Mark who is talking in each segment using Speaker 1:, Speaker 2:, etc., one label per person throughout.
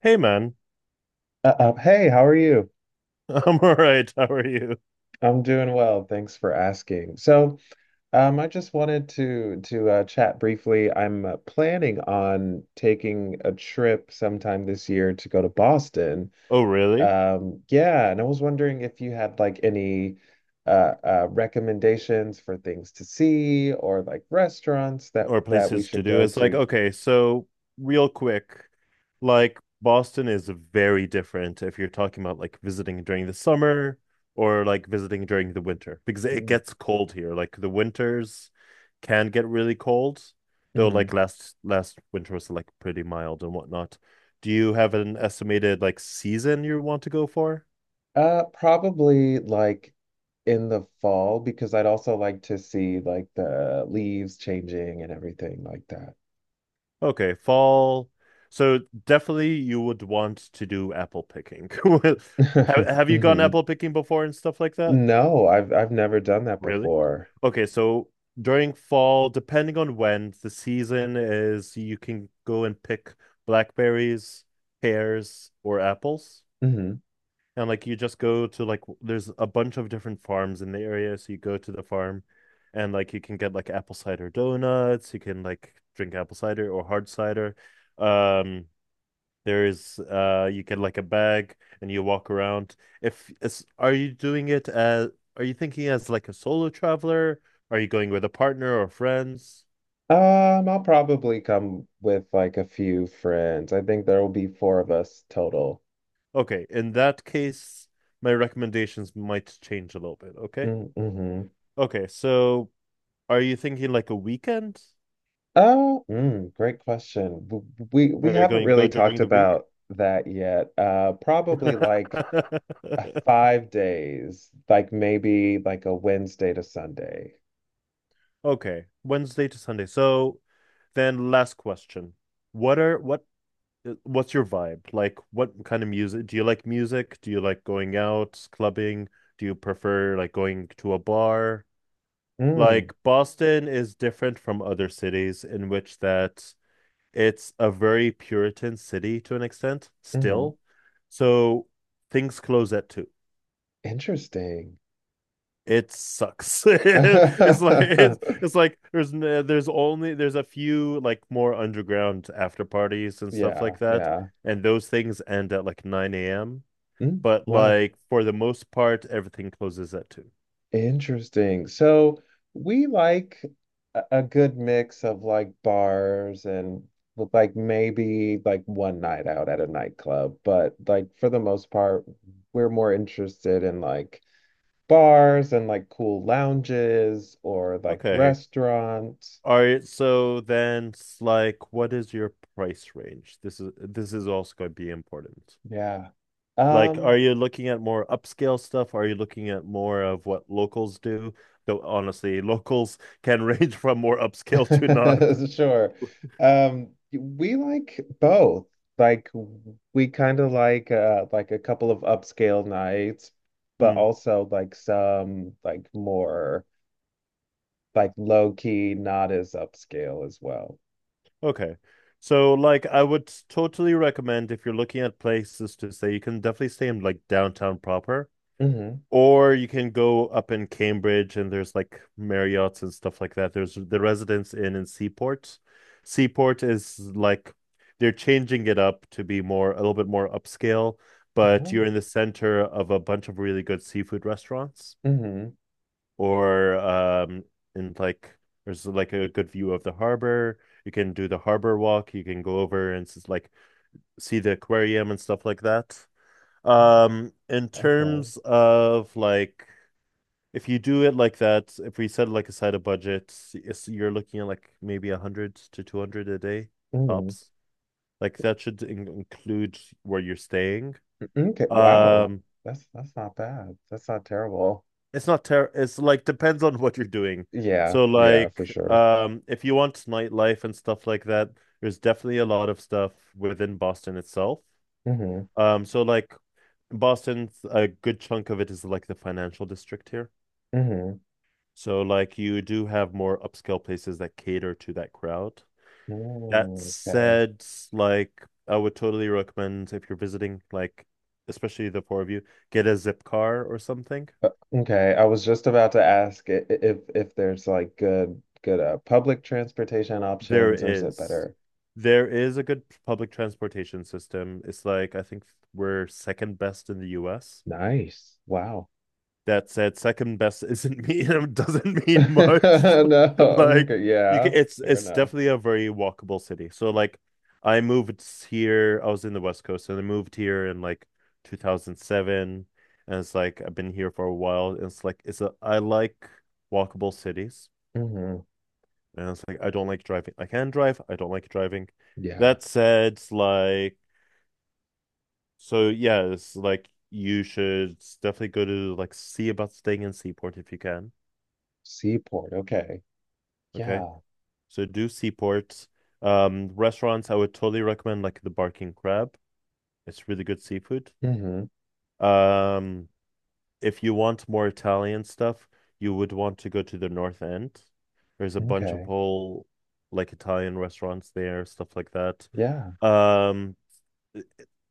Speaker 1: Hey man.
Speaker 2: Hey, how are you?
Speaker 1: I'm all right. How are you?
Speaker 2: I'm doing well. Thanks for asking. I just wanted to chat briefly. I'm planning on taking a trip sometime this year to go to Boston.
Speaker 1: Oh, really?
Speaker 2: Yeah, and I was wondering if you had like any recommendations for things to see or like restaurants that
Speaker 1: Or
Speaker 2: that we
Speaker 1: places to
Speaker 2: should
Speaker 1: do.
Speaker 2: go
Speaker 1: It's like,
Speaker 2: to.
Speaker 1: okay, so real quick, like Boston is very different if you're talking about like visiting during the summer or like visiting during the winter because it
Speaker 2: Hmm.
Speaker 1: gets cold here. Like the winters can get really cold, though
Speaker 2: Mm-hmm.
Speaker 1: like last winter was like pretty mild and whatnot. Do you have an estimated like season you want to go for?
Speaker 2: Probably like in the fall because I'd also like to see like the leaves changing and everything like
Speaker 1: Okay, fall. So definitely you would want to do apple picking. Have
Speaker 2: that.
Speaker 1: have you gone
Speaker 2: Hmm.
Speaker 1: apple picking before and stuff like that?
Speaker 2: No, I've never done that
Speaker 1: Really?
Speaker 2: before.
Speaker 1: Okay, so during fall, depending on when the season is, you can go and pick blackberries, pears, or apples.
Speaker 2: Hmm.
Speaker 1: And like you just go to like there's a bunch of different farms in the area, so you go to the farm and like you can get like apple cider donuts, you can like drink apple cider or hard cider. Um there's you get like a bag and you walk around. If is are you doing it as are you thinking as like a solo traveler? Are you going with a partner or friends?
Speaker 2: I'll probably come with like a few friends. I think there will be four of us total.
Speaker 1: Okay, in that case, my recommendations might change a little bit, okay?
Speaker 2: Mm-hmm.
Speaker 1: Okay, so are you thinking like a weekend?
Speaker 2: Oh, great question. We
Speaker 1: Are you
Speaker 2: haven't
Speaker 1: going to go
Speaker 2: really talked
Speaker 1: during the week?
Speaker 2: about that yet. Probably like five days, like maybe like a Wednesday to Sunday.
Speaker 1: Okay, Wednesday to Sunday. So then last question. What are what What's your vibe? Like, what kind of music? Do you like music? Do you like going out, clubbing? Do you prefer like going to a bar?
Speaker 2: Mm.
Speaker 1: Like, Boston is different from other cities in which that it's a very Puritan city to an extent
Speaker 2: Hmm.
Speaker 1: still. So things close at two.
Speaker 2: Interesting.
Speaker 1: It sucks. It's like it's, it's like there's there's only there's a few like more underground after parties and stuff
Speaker 2: Yeah,
Speaker 1: like that,
Speaker 2: yeah.
Speaker 1: and those things end at like 9 a.m.,
Speaker 2: Mm,
Speaker 1: but
Speaker 2: wow.
Speaker 1: like for the most part, everything closes at two.
Speaker 2: Interesting. So we like a good mix of like bars and with, like maybe like one night out at a nightclub, but like for the most part, we're more interested in like bars and like cool lounges or like
Speaker 1: Okay.
Speaker 2: restaurants.
Speaker 1: All right, so then it's like what is your price range? This is also going to be important.
Speaker 2: Yeah.
Speaker 1: Like, are
Speaker 2: Um,
Speaker 1: you looking at more upscale stuff? Are you looking at more of what locals do? Though honestly, locals can range from more upscale to not.
Speaker 2: sure. We like both. Like we kind of like a couple of upscale nights, but
Speaker 1: Hmm.
Speaker 2: also like some like more like low key, not as upscale as well.
Speaker 1: Okay. So like I would totally recommend if you're looking at places to stay, you can definitely stay in like downtown proper.
Speaker 2: Mm-hmm.
Speaker 1: Or you can go up in Cambridge and there's like Marriott's and stuff like that. There's the Residence Inn in Seaport. Seaport is like they're changing it up to be more a little bit more upscale, but you're
Speaker 2: Oh.
Speaker 1: in the center of a bunch of really good seafood restaurants,
Speaker 2: Mm-hmm.
Speaker 1: or in like there's like a good view of the harbor. You can do the harbor walk, you can go over and like see the aquarium and stuff like that. In
Speaker 2: Okay.
Speaker 1: terms of like if you do it like that, if we set like aside a budget, it's, you're looking at like maybe 100 to 200 a day
Speaker 2: Mm.
Speaker 1: tops. Like that should in include where you're staying.
Speaker 2: Mm-hmm. Okay. Wow.
Speaker 1: Um,
Speaker 2: That's not bad. That's not terrible.
Speaker 1: it's not ter it's like depends on what you're doing.
Speaker 2: Yeah,
Speaker 1: So
Speaker 2: yeah, for
Speaker 1: like
Speaker 2: sure.
Speaker 1: if you want nightlife and stuff like that, there's definitely a lot of stuff within Boston itself.
Speaker 2: Mm-hmm.
Speaker 1: Um, so like Boston, a good chunk of it is like the financial district here.
Speaker 2: Mm-hmm.
Speaker 1: So like you do have more upscale places that cater to that crowd. That
Speaker 2: Mm, okay.
Speaker 1: said, like I would totally recommend if you're visiting, like especially the four of you, get a Zipcar or something.
Speaker 2: Okay, I was just about to ask if there's like good good public transportation
Speaker 1: There
Speaker 2: options or is it
Speaker 1: is.
Speaker 2: better?
Speaker 1: There is a good public transportation system. It's like I think we're second best in the US.
Speaker 2: Nice. Wow.
Speaker 1: That said, second best isn't mean doesn't mean much.
Speaker 2: No.
Speaker 1: like
Speaker 2: Okay,
Speaker 1: you can,
Speaker 2: yeah,
Speaker 1: it's
Speaker 2: fair
Speaker 1: it's
Speaker 2: enough.
Speaker 1: definitely a very walkable city. So like I moved here, I was in the West Coast and I moved here in like 2007, and it's like I've been here for a while. And it's like it's a I like walkable cities.
Speaker 2: Hmm.
Speaker 1: And it's like I don't like driving. I can drive, I don't like driving.
Speaker 2: Yeah.
Speaker 1: That said, like so yeah, it's like you should definitely go to like see about staying in Seaport if you can.
Speaker 2: Seaport. Okay.
Speaker 1: Okay.
Speaker 2: Yeah.
Speaker 1: So do seaports. Restaurants, I would totally recommend like the Barking Crab. It's really good seafood.
Speaker 2: Hmm.
Speaker 1: Um, if you want more Italian stuff, you would want to go to the North End. There's a bunch of
Speaker 2: Okay.
Speaker 1: whole like Italian restaurants there, stuff like that.
Speaker 2: Yeah.
Speaker 1: Um,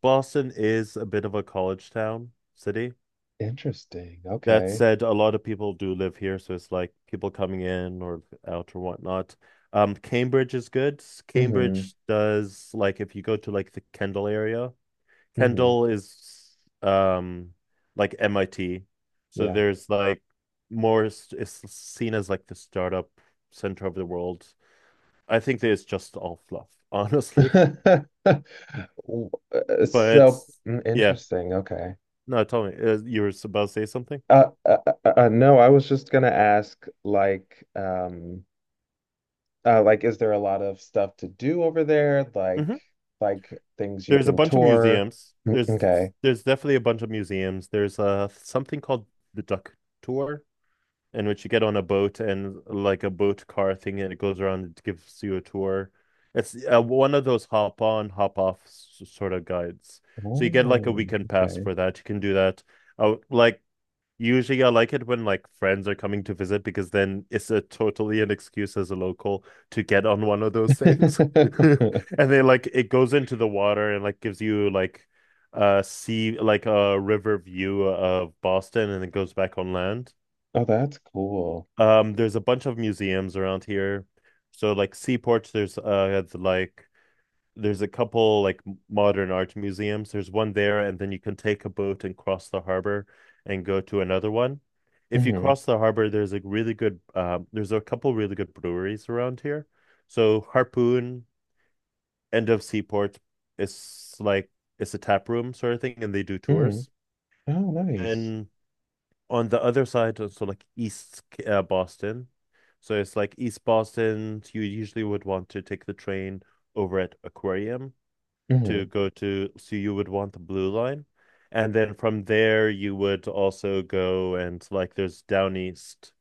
Speaker 1: Boston is a bit of a college town city.
Speaker 2: Interesting.
Speaker 1: That
Speaker 2: Okay.
Speaker 1: said, a lot of people do live here, so it's like people coming in or out or whatnot. Cambridge is good.
Speaker 2: Hmm.
Speaker 1: Cambridge does, like if you go to like the Kendall area,
Speaker 2: Hmm.
Speaker 1: Kendall is like MIT. So
Speaker 2: Yeah.
Speaker 1: there's like it's seen as like the startup center of the world. I think that it's just all fluff, honestly.
Speaker 2: W- uh,
Speaker 1: But
Speaker 2: So mm,
Speaker 1: yeah,
Speaker 2: interesting. Okay.
Speaker 1: no, tell me, you were about to say something?
Speaker 2: Uh, uh, no, I was just gonna ask, like, is there a lot of stuff to do over there?
Speaker 1: Mhm.
Speaker 2: Like things you
Speaker 1: There's a
Speaker 2: can
Speaker 1: bunch of
Speaker 2: tour?
Speaker 1: museums.
Speaker 2: Mm, okay.
Speaker 1: There's definitely a bunch of museums. There's something called the Duck Tour, in which you get on a boat and like a boat car thing, and it goes around and gives you a tour. It's one of those hop on, hop off sort of guides. So you get like a
Speaker 2: Oh,
Speaker 1: weekend pass
Speaker 2: okay.
Speaker 1: for that. You can do that. Uh, like Usually, I like it when like friends are coming to visit because then it's a totally an excuse as a local to get on one of those things. And then like it goes into the water and like gives you like a sea like a river view of Boston, and it goes back on land.
Speaker 2: Oh, that's cool.
Speaker 1: There's a bunch of museums around here. So like Seaport, there's there's a couple like modern art museums. There's one there, and then you can take a boat and cross the harbor and go to another one. If you
Speaker 2: Hmm.
Speaker 1: cross the harbor, there's a really good there's a couple really good breweries around here. So Harpoon, End of Seaport, it's like it's a tap room sort of thing, and they do
Speaker 2: Hmm.
Speaker 1: tours.
Speaker 2: Oh, nice.
Speaker 1: And on the other side, so like East Boston, so it's like East Boston. You usually would want to take the train over at Aquarium to
Speaker 2: Hmm.
Speaker 1: go to, so you would want the blue line. And then from there, you would also go and like there's down east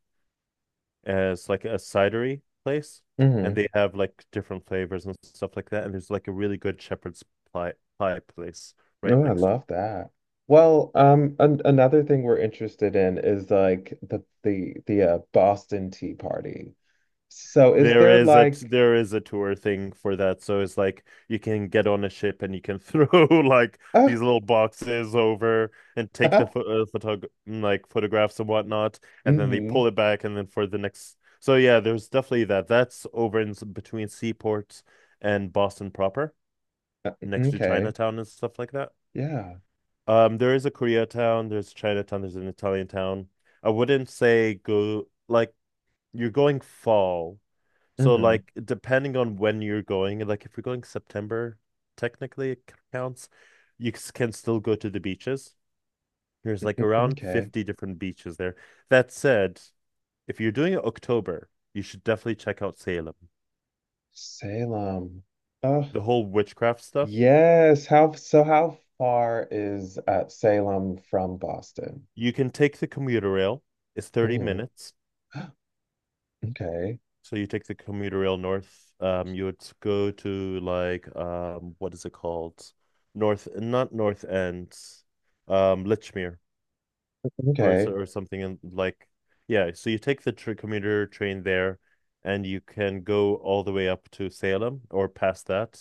Speaker 1: as like a cidery place, and
Speaker 2: Hmm.
Speaker 1: they have like different flavors and stuff like that. And there's like a really good pie, pie place right
Speaker 2: Oh, I
Speaker 1: next.
Speaker 2: love that. Well, an another thing we're interested in is like the Boston Tea Party. So, is
Speaker 1: There
Speaker 2: there
Speaker 1: is a
Speaker 2: like,
Speaker 1: tour thing for that. So it's like you can get on a ship and you can throw like these little boxes over and take the
Speaker 2: ah,
Speaker 1: photographs and whatnot, and then they
Speaker 2: hmm.
Speaker 1: pull it back and then for the next. So yeah, there's definitely that. That's over in between seaports and Boston proper, next to
Speaker 2: Okay.
Speaker 1: Chinatown and stuff like that.
Speaker 2: Yeah.
Speaker 1: There is a Koreatown, there's Chinatown, there's an Italian town. I wouldn't say go like you're going fall, so
Speaker 2: Hmm.
Speaker 1: like depending on when you're going, like if you're going September, technically it counts. You can still go to the beaches. There's like around
Speaker 2: Okay.
Speaker 1: 50 different beaches there. That said, if you're doing it October, you should definitely check out Salem.
Speaker 2: Salem. Oh,
Speaker 1: The whole witchcraft stuff.
Speaker 2: yes. How far is Salem from Boston?
Speaker 1: You can take the commuter rail. It's 30
Speaker 2: Hmm.
Speaker 1: minutes.
Speaker 2: Okay.
Speaker 1: So you take the commuter rail north. You would go to like what is it called? North, not North End, Lichmere. Or so,
Speaker 2: Okay.
Speaker 1: or something in like yeah. So you take the tr commuter train there, and you can go all the way up to Salem or past that.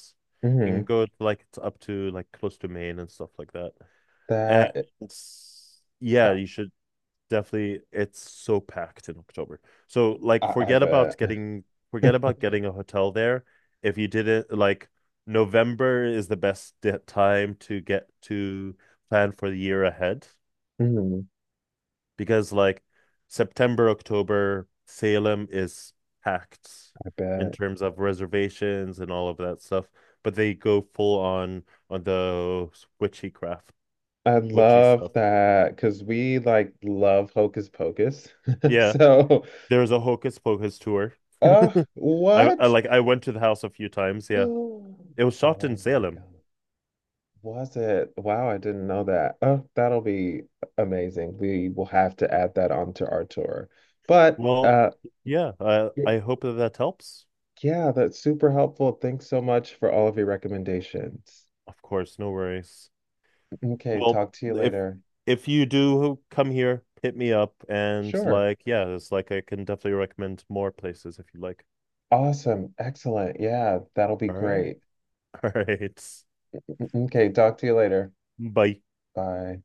Speaker 1: You can
Speaker 2: Hmm.
Speaker 1: go like up to like close to Maine and stuff like that. And
Speaker 2: That I,
Speaker 1: yeah, you should definitely. It's so packed in October. So like,
Speaker 2: I bet.
Speaker 1: forget about getting a hotel there. If you didn't like, November is the best time to get to plan for the year ahead,
Speaker 2: Hmm.
Speaker 1: because like September, October, Salem is packed
Speaker 2: I
Speaker 1: in
Speaker 2: bet.
Speaker 1: terms of reservations and all of that stuff, but they go full on the witchy craft,
Speaker 2: I
Speaker 1: witchy
Speaker 2: love
Speaker 1: stuff.
Speaker 2: that because we like love Hocus Pocus.
Speaker 1: Yeah,
Speaker 2: So,
Speaker 1: there's a Hocus Pocus tour.
Speaker 2: what?
Speaker 1: I went to the house a few times. Yeah, it was shot in
Speaker 2: Oh my
Speaker 1: Salem.
Speaker 2: God. Was it? Wow, I didn't know that. Oh, that'll be amazing. We will have to add that onto our tour. But
Speaker 1: Well, yeah,
Speaker 2: y-
Speaker 1: I hope that that helps.
Speaker 2: yeah, that's super helpful. Thanks so much for all of your recommendations.
Speaker 1: Of course, no worries.
Speaker 2: Okay,
Speaker 1: Well,
Speaker 2: talk to you
Speaker 1: if
Speaker 2: later.
Speaker 1: you do come here, hit me up and
Speaker 2: Sure.
Speaker 1: like, yeah, it's like I can definitely recommend more places if you like.
Speaker 2: Awesome. Excellent. Yeah, that'll be
Speaker 1: All right.
Speaker 2: great.
Speaker 1: All right.
Speaker 2: Okay, talk to you later.
Speaker 1: Bye.
Speaker 2: Bye.